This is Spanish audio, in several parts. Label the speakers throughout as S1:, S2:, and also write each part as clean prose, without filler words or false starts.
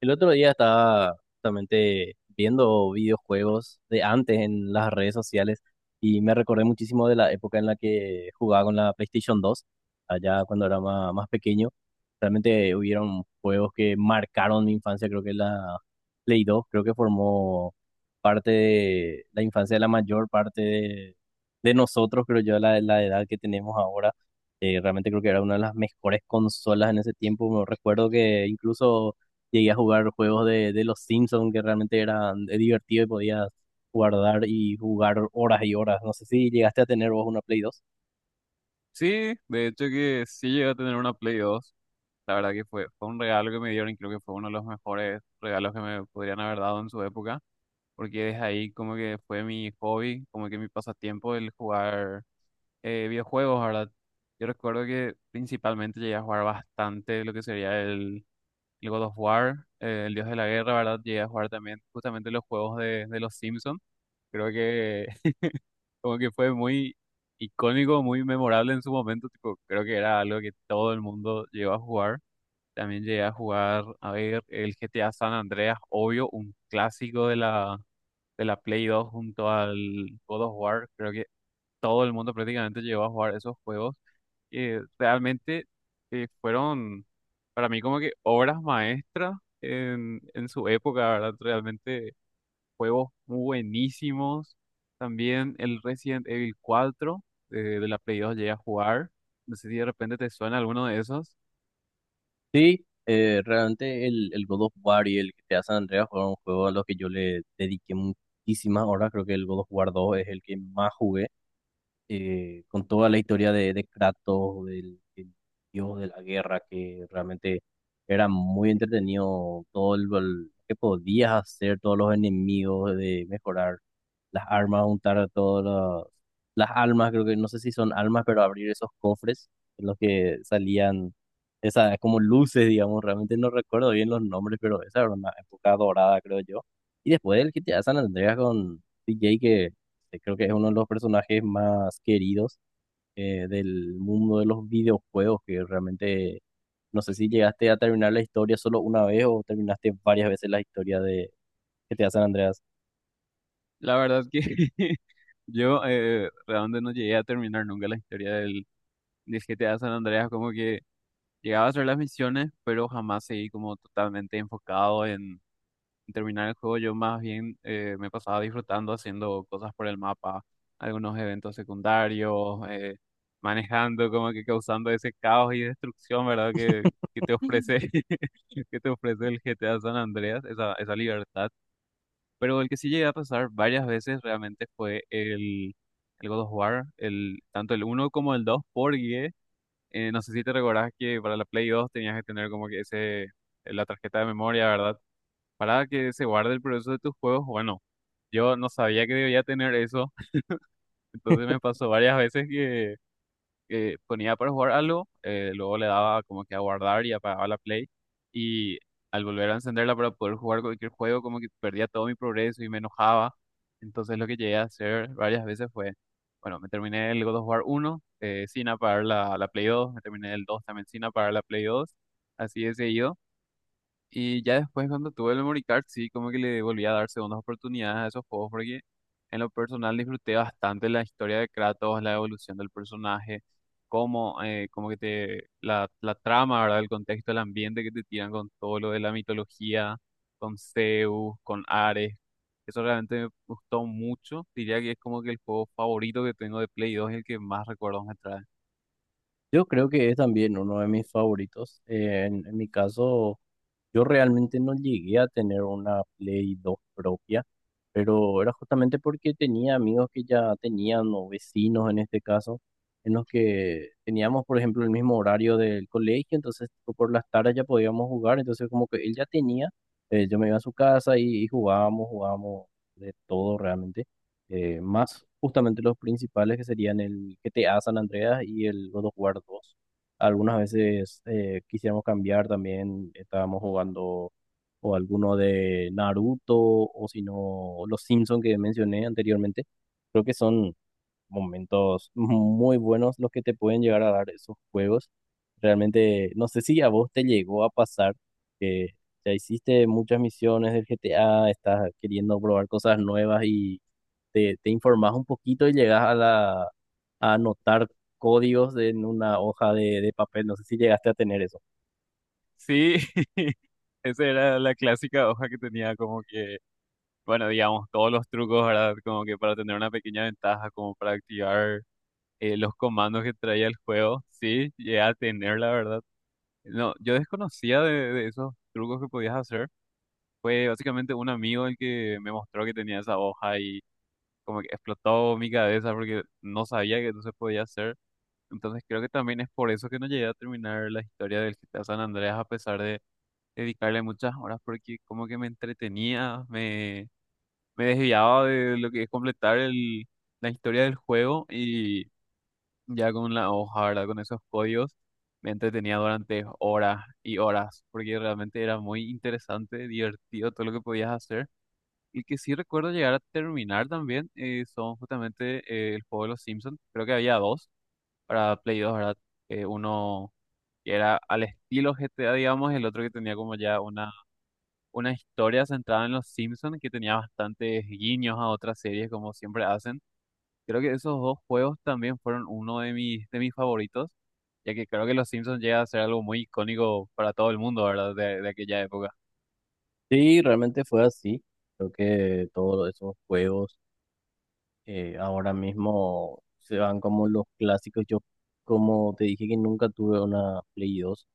S1: El otro día estaba justamente viendo videojuegos de antes en las redes sociales y me recordé muchísimo de la época en la que jugaba con la PlayStation 2, allá cuando era pequeño. Realmente hubieron juegos que marcaron mi infancia. Creo que la Play 2, creo que formó parte de la infancia de la mayor parte de nosotros, creo yo, la edad que tenemos ahora. Realmente creo que era una de las mejores consolas en ese tiempo. Me recuerdo que incluso llegué a jugar juegos de los Simpsons, que realmente eran divertidos, y podías guardar y jugar horas y horas. No sé si llegaste a tener vos una Play 2.
S2: Sí, de hecho que sí llegué a tener una Play dos. La verdad que fue un regalo que me dieron, y creo que fue uno de los mejores regalos que me podrían haber dado en su época, porque desde ahí como que fue mi hobby, como que mi pasatiempo el jugar videojuegos, ¿verdad? Yo recuerdo que principalmente llegué a jugar bastante lo que sería el God of War, el Dios de la Guerra, ¿verdad? Llegué a jugar también justamente los juegos de los Simpsons. Creo que como que fue muy icónico, muy memorable en su momento, tipo, creo que era algo que todo el mundo llegó a jugar. También llegué a jugar, a ver, el GTA San Andreas, obvio, un clásico de la Play 2 junto al God of War. Creo que todo el mundo prácticamente llegó a jugar esos juegos. Realmente fueron para mí como que obras maestras en su época, ¿verdad? Realmente juegos muy buenísimos. También el Resident Evil 4 de la Play 2 llegué a jugar. No sé si de repente te suena alguno de esos.
S1: Sí, realmente el God of War y el que GTA San Andreas fueron juegos a los que yo le dediqué muchísimas horas. Creo que el God of War 2 es el que más jugué, con toda la historia de Kratos, del dios de la guerra, que realmente era muy entretenido todo lo que podías hacer, todos los enemigos, de mejorar las armas, juntar todas las, las almas. Creo que no sé si son almas, pero abrir esos cofres en los que salían esas como luces, digamos. Realmente no recuerdo bien los nombres, pero esa era una época dorada, creo yo. Y después el GTA San Andreas con DJ, que creo que es uno de los personajes más queridos del mundo de los videojuegos, que realmente no sé si llegaste a terminar la historia solo una vez o terminaste varias veces la historia de que te hacen Andreas.
S2: La verdad que yo realmente no llegué a terminar nunca la historia del GTA San Andreas. Como que llegaba a hacer las misiones, pero jamás seguí como totalmente enfocado en terminar el juego. Yo más bien me pasaba disfrutando, haciendo cosas por el mapa, algunos eventos secundarios, manejando, como que causando ese caos y destrucción, ¿verdad? Que te ofrece, que te ofrece el GTA San Andreas, esa libertad. Pero el que sí llegué a pasar varias veces realmente fue el God of War, el, tanto el uno como el dos. Porque no sé si te recordás que para la Play 2 tenías que tener como que ese, la tarjeta de memoria, ¿verdad? Para que se guarde el progreso de tus juegos. Bueno, yo no sabía que debía tener eso, entonces me pasó varias veces que ponía para jugar algo, luego le daba como que a guardar y apagaba la play, y al volver a encenderla para poder jugar cualquier juego, como que perdía todo mi progreso y me enojaba. Entonces lo que llegué a hacer varias veces fue, bueno, me terminé el God of War uno sin apagar la Play 2, me terminé el 2 también sin apagar la Play 2, así de seguido. Y ya después cuando tuve el memory card, sí, como que le volví a dar segundas oportunidades a esos juegos, porque en lo personal disfruté bastante la historia de Kratos, la evolución del personaje, cómo, como que te, la trama, ¿verdad? El contexto, el ambiente que te tiran con todo lo de la mitología, con Zeus, con Ares. Eso realmente me gustó mucho. Diría que es como que el juego favorito que tengo de Play 2, y el que más recuerdos me trae.
S1: Yo creo que es también uno de mis favoritos. En mi caso, yo realmente no llegué a tener una Play 2 propia, pero era justamente porque tenía amigos que ya tenían, o vecinos en este caso, en los que teníamos, por ejemplo, el mismo horario del colegio. Entonces tipo, por las tardes ya podíamos jugar, entonces como que él ya tenía, yo me iba a su casa y jugábamos, jugábamos de todo realmente, más justamente los principales, que serían el GTA San Andreas y el God of War 2. Algunas veces quisiéramos cambiar también, estábamos jugando o alguno de Naruto, o si no los Simpson que mencioné anteriormente. Creo que son momentos muy buenos los que te pueden llegar a dar esos juegos. Realmente, no sé si a vos te llegó a pasar que ya hiciste muchas misiones del GTA, estás queriendo probar cosas nuevas y te informás un poquito y llegas a a anotar códigos en una hoja de papel. No sé si llegaste a tener eso.
S2: Sí, esa era la clásica hoja que tenía como que, bueno, digamos, todos los trucos, ¿verdad? Como que para tener una pequeña ventaja, como para activar los comandos que traía el juego. Sí, llegué a tener, la verdad. No, yo desconocía de esos trucos que podías hacer. Fue básicamente un amigo el que me mostró que tenía esa hoja, y como que explotó mi cabeza porque no sabía que eso se podía hacer. Entonces creo que también es por eso que no llegué a terminar la historia del GTA San Andreas, a pesar de dedicarle muchas horas, porque como que me entretenía, me desviaba de lo que es completar la historia del juego. Y ya con la hoja, ¿verdad? Con esos códigos me entretenía durante horas y horas, porque realmente era muy interesante, divertido todo lo que podías hacer. Y que sí recuerdo llegar a terminar también son justamente el juego de los Simpsons. Creo que había dos para Play dos, ¿verdad? Uno que era al estilo GTA, digamos, el otro que tenía como ya una historia centrada en los Simpsons, que tenía bastantes guiños a otras series, como siempre hacen. Creo que esos dos juegos también fueron uno de de mis favoritos, ya que creo que los Simpsons llega a ser algo muy icónico para todo el mundo, ¿verdad? De aquella época.
S1: Sí, realmente fue así. Creo que todos esos juegos, ahora mismo se van como los clásicos. Yo, como te dije que nunca tuve una Play dos,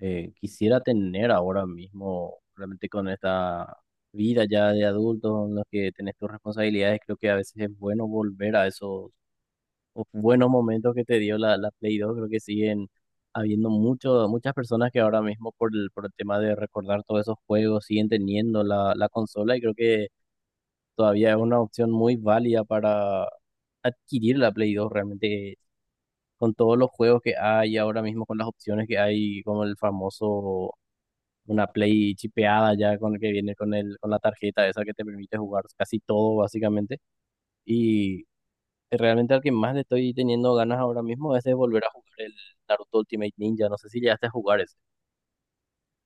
S1: quisiera tener ahora mismo, realmente con esta vida ya de adultos en los que tenés tus responsabilidades. Creo que a veces es bueno volver a esos buenos momentos que te dio la Play dos. Creo que siguen habiendo mucho, muchas personas que ahora mismo por por el tema de recordar todos esos juegos siguen teniendo la consola, y creo que todavía es una opción muy válida para adquirir la Play dos realmente, con todos los juegos que hay ahora mismo, con las opciones que hay, como el famoso, una Play chipeada ya, con el que viene con con la tarjeta esa que te permite jugar casi todo básicamente. Y realmente al que más le estoy teniendo ganas ahora mismo es de volver a jugar el Naruto Ultimate Ninja. No sé si llegaste a jugar.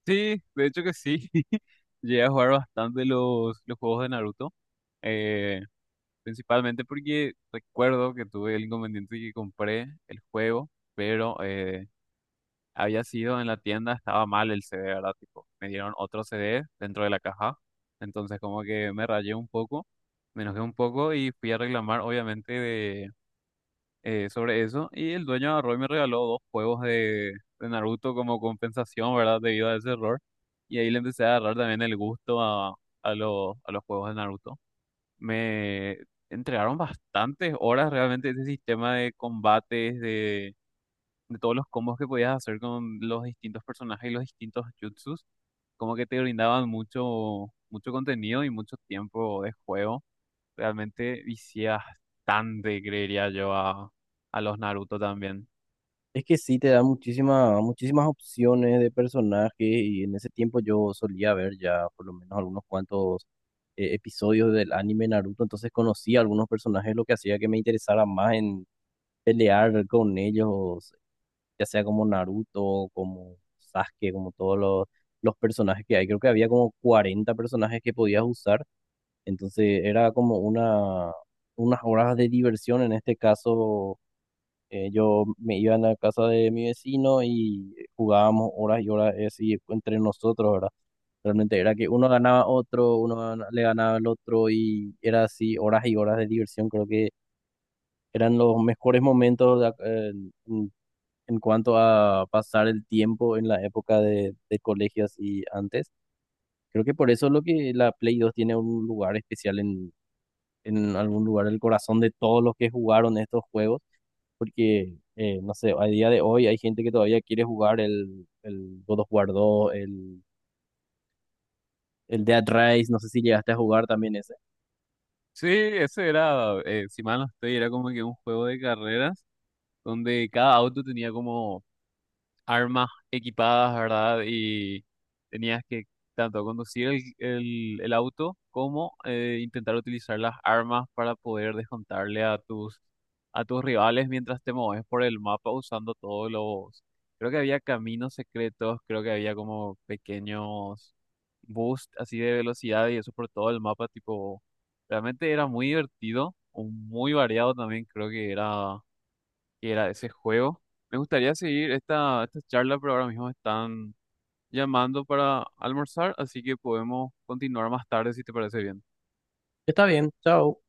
S2: Sí, de hecho que sí. Llegué a jugar bastante los juegos de Naruto, eh, principalmente porque recuerdo que tuve el inconveniente de que compré el juego, pero... había sido en la tienda, estaba mal el CD, ¿verdad? Tipo, me dieron otro CD dentro de la caja. Entonces como que me rayé un poco, me enojé un poco y fui a reclamar, obviamente, sobre eso. Y el dueño agarró y me regaló dos juegos de Naruto como compensación, ¿verdad? Debido a ese error. Y ahí le empecé a agarrar también el gusto a los juegos de Naruto. Me entregaron bastantes horas realmente de ese sistema de combates, de todos los combos que podías hacer con los distintos personajes y los distintos jutsus, como que te brindaban mucho, mucho contenido y mucho tiempo de juego. Realmente vicias bastante, creería yo, a los Naruto también.
S1: Es que sí, te da muchísimas opciones de personajes, y en ese tiempo yo solía ver ya por lo menos algunos cuantos episodios del anime Naruto, entonces conocía algunos personajes, lo que hacía que me interesara más en pelear con ellos, ya sea como Naruto, como Sasuke, como todos los personajes que hay. Creo que había como 40 personajes que podías usar, entonces era como una, unas horas de diversión. En este caso yo me iba a la casa de mi vecino y jugábamos horas y horas así entre nosotros, ¿verdad? Realmente era que uno ganaba a otro, le ganaba al otro, y era así horas y horas de diversión. Creo que eran los mejores momentos de en cuanto a pasar el tiempo en la época de colegios y antes. Creo que por eso es lo que la Play dos tiene un lugar especial en algún lugar del corazón de todos los que jugaron estos juegos, porque, no sé, a día de hoy hay gente que todavía quiere jugar el God of War 2, el Dead Rise. No sé si llegaste a jugar también ese.
S2: Sí, ese era, si mal no estoy, era como que un juego de carreras donde cada auto tenía como armas equipadas, ¿verdad? Y tenías que tanto conducir el auto como intentar utilizar las armas para poder descontarle a a tus rivales mientras te mueves por el mapa, usando todos los... Creo que había caminos secretos, creo que había como pequeños boosts así de velocidad y eso por todo el mapa, tipo, realmente era muy divertido, o muy variado también, creo que era de ese juego. Me gustaría seguir esta charla, pero ahora mismo están llamando para almorzar, así que podemos continuar más tarde si te parece bien.
S1: Está bien, chao.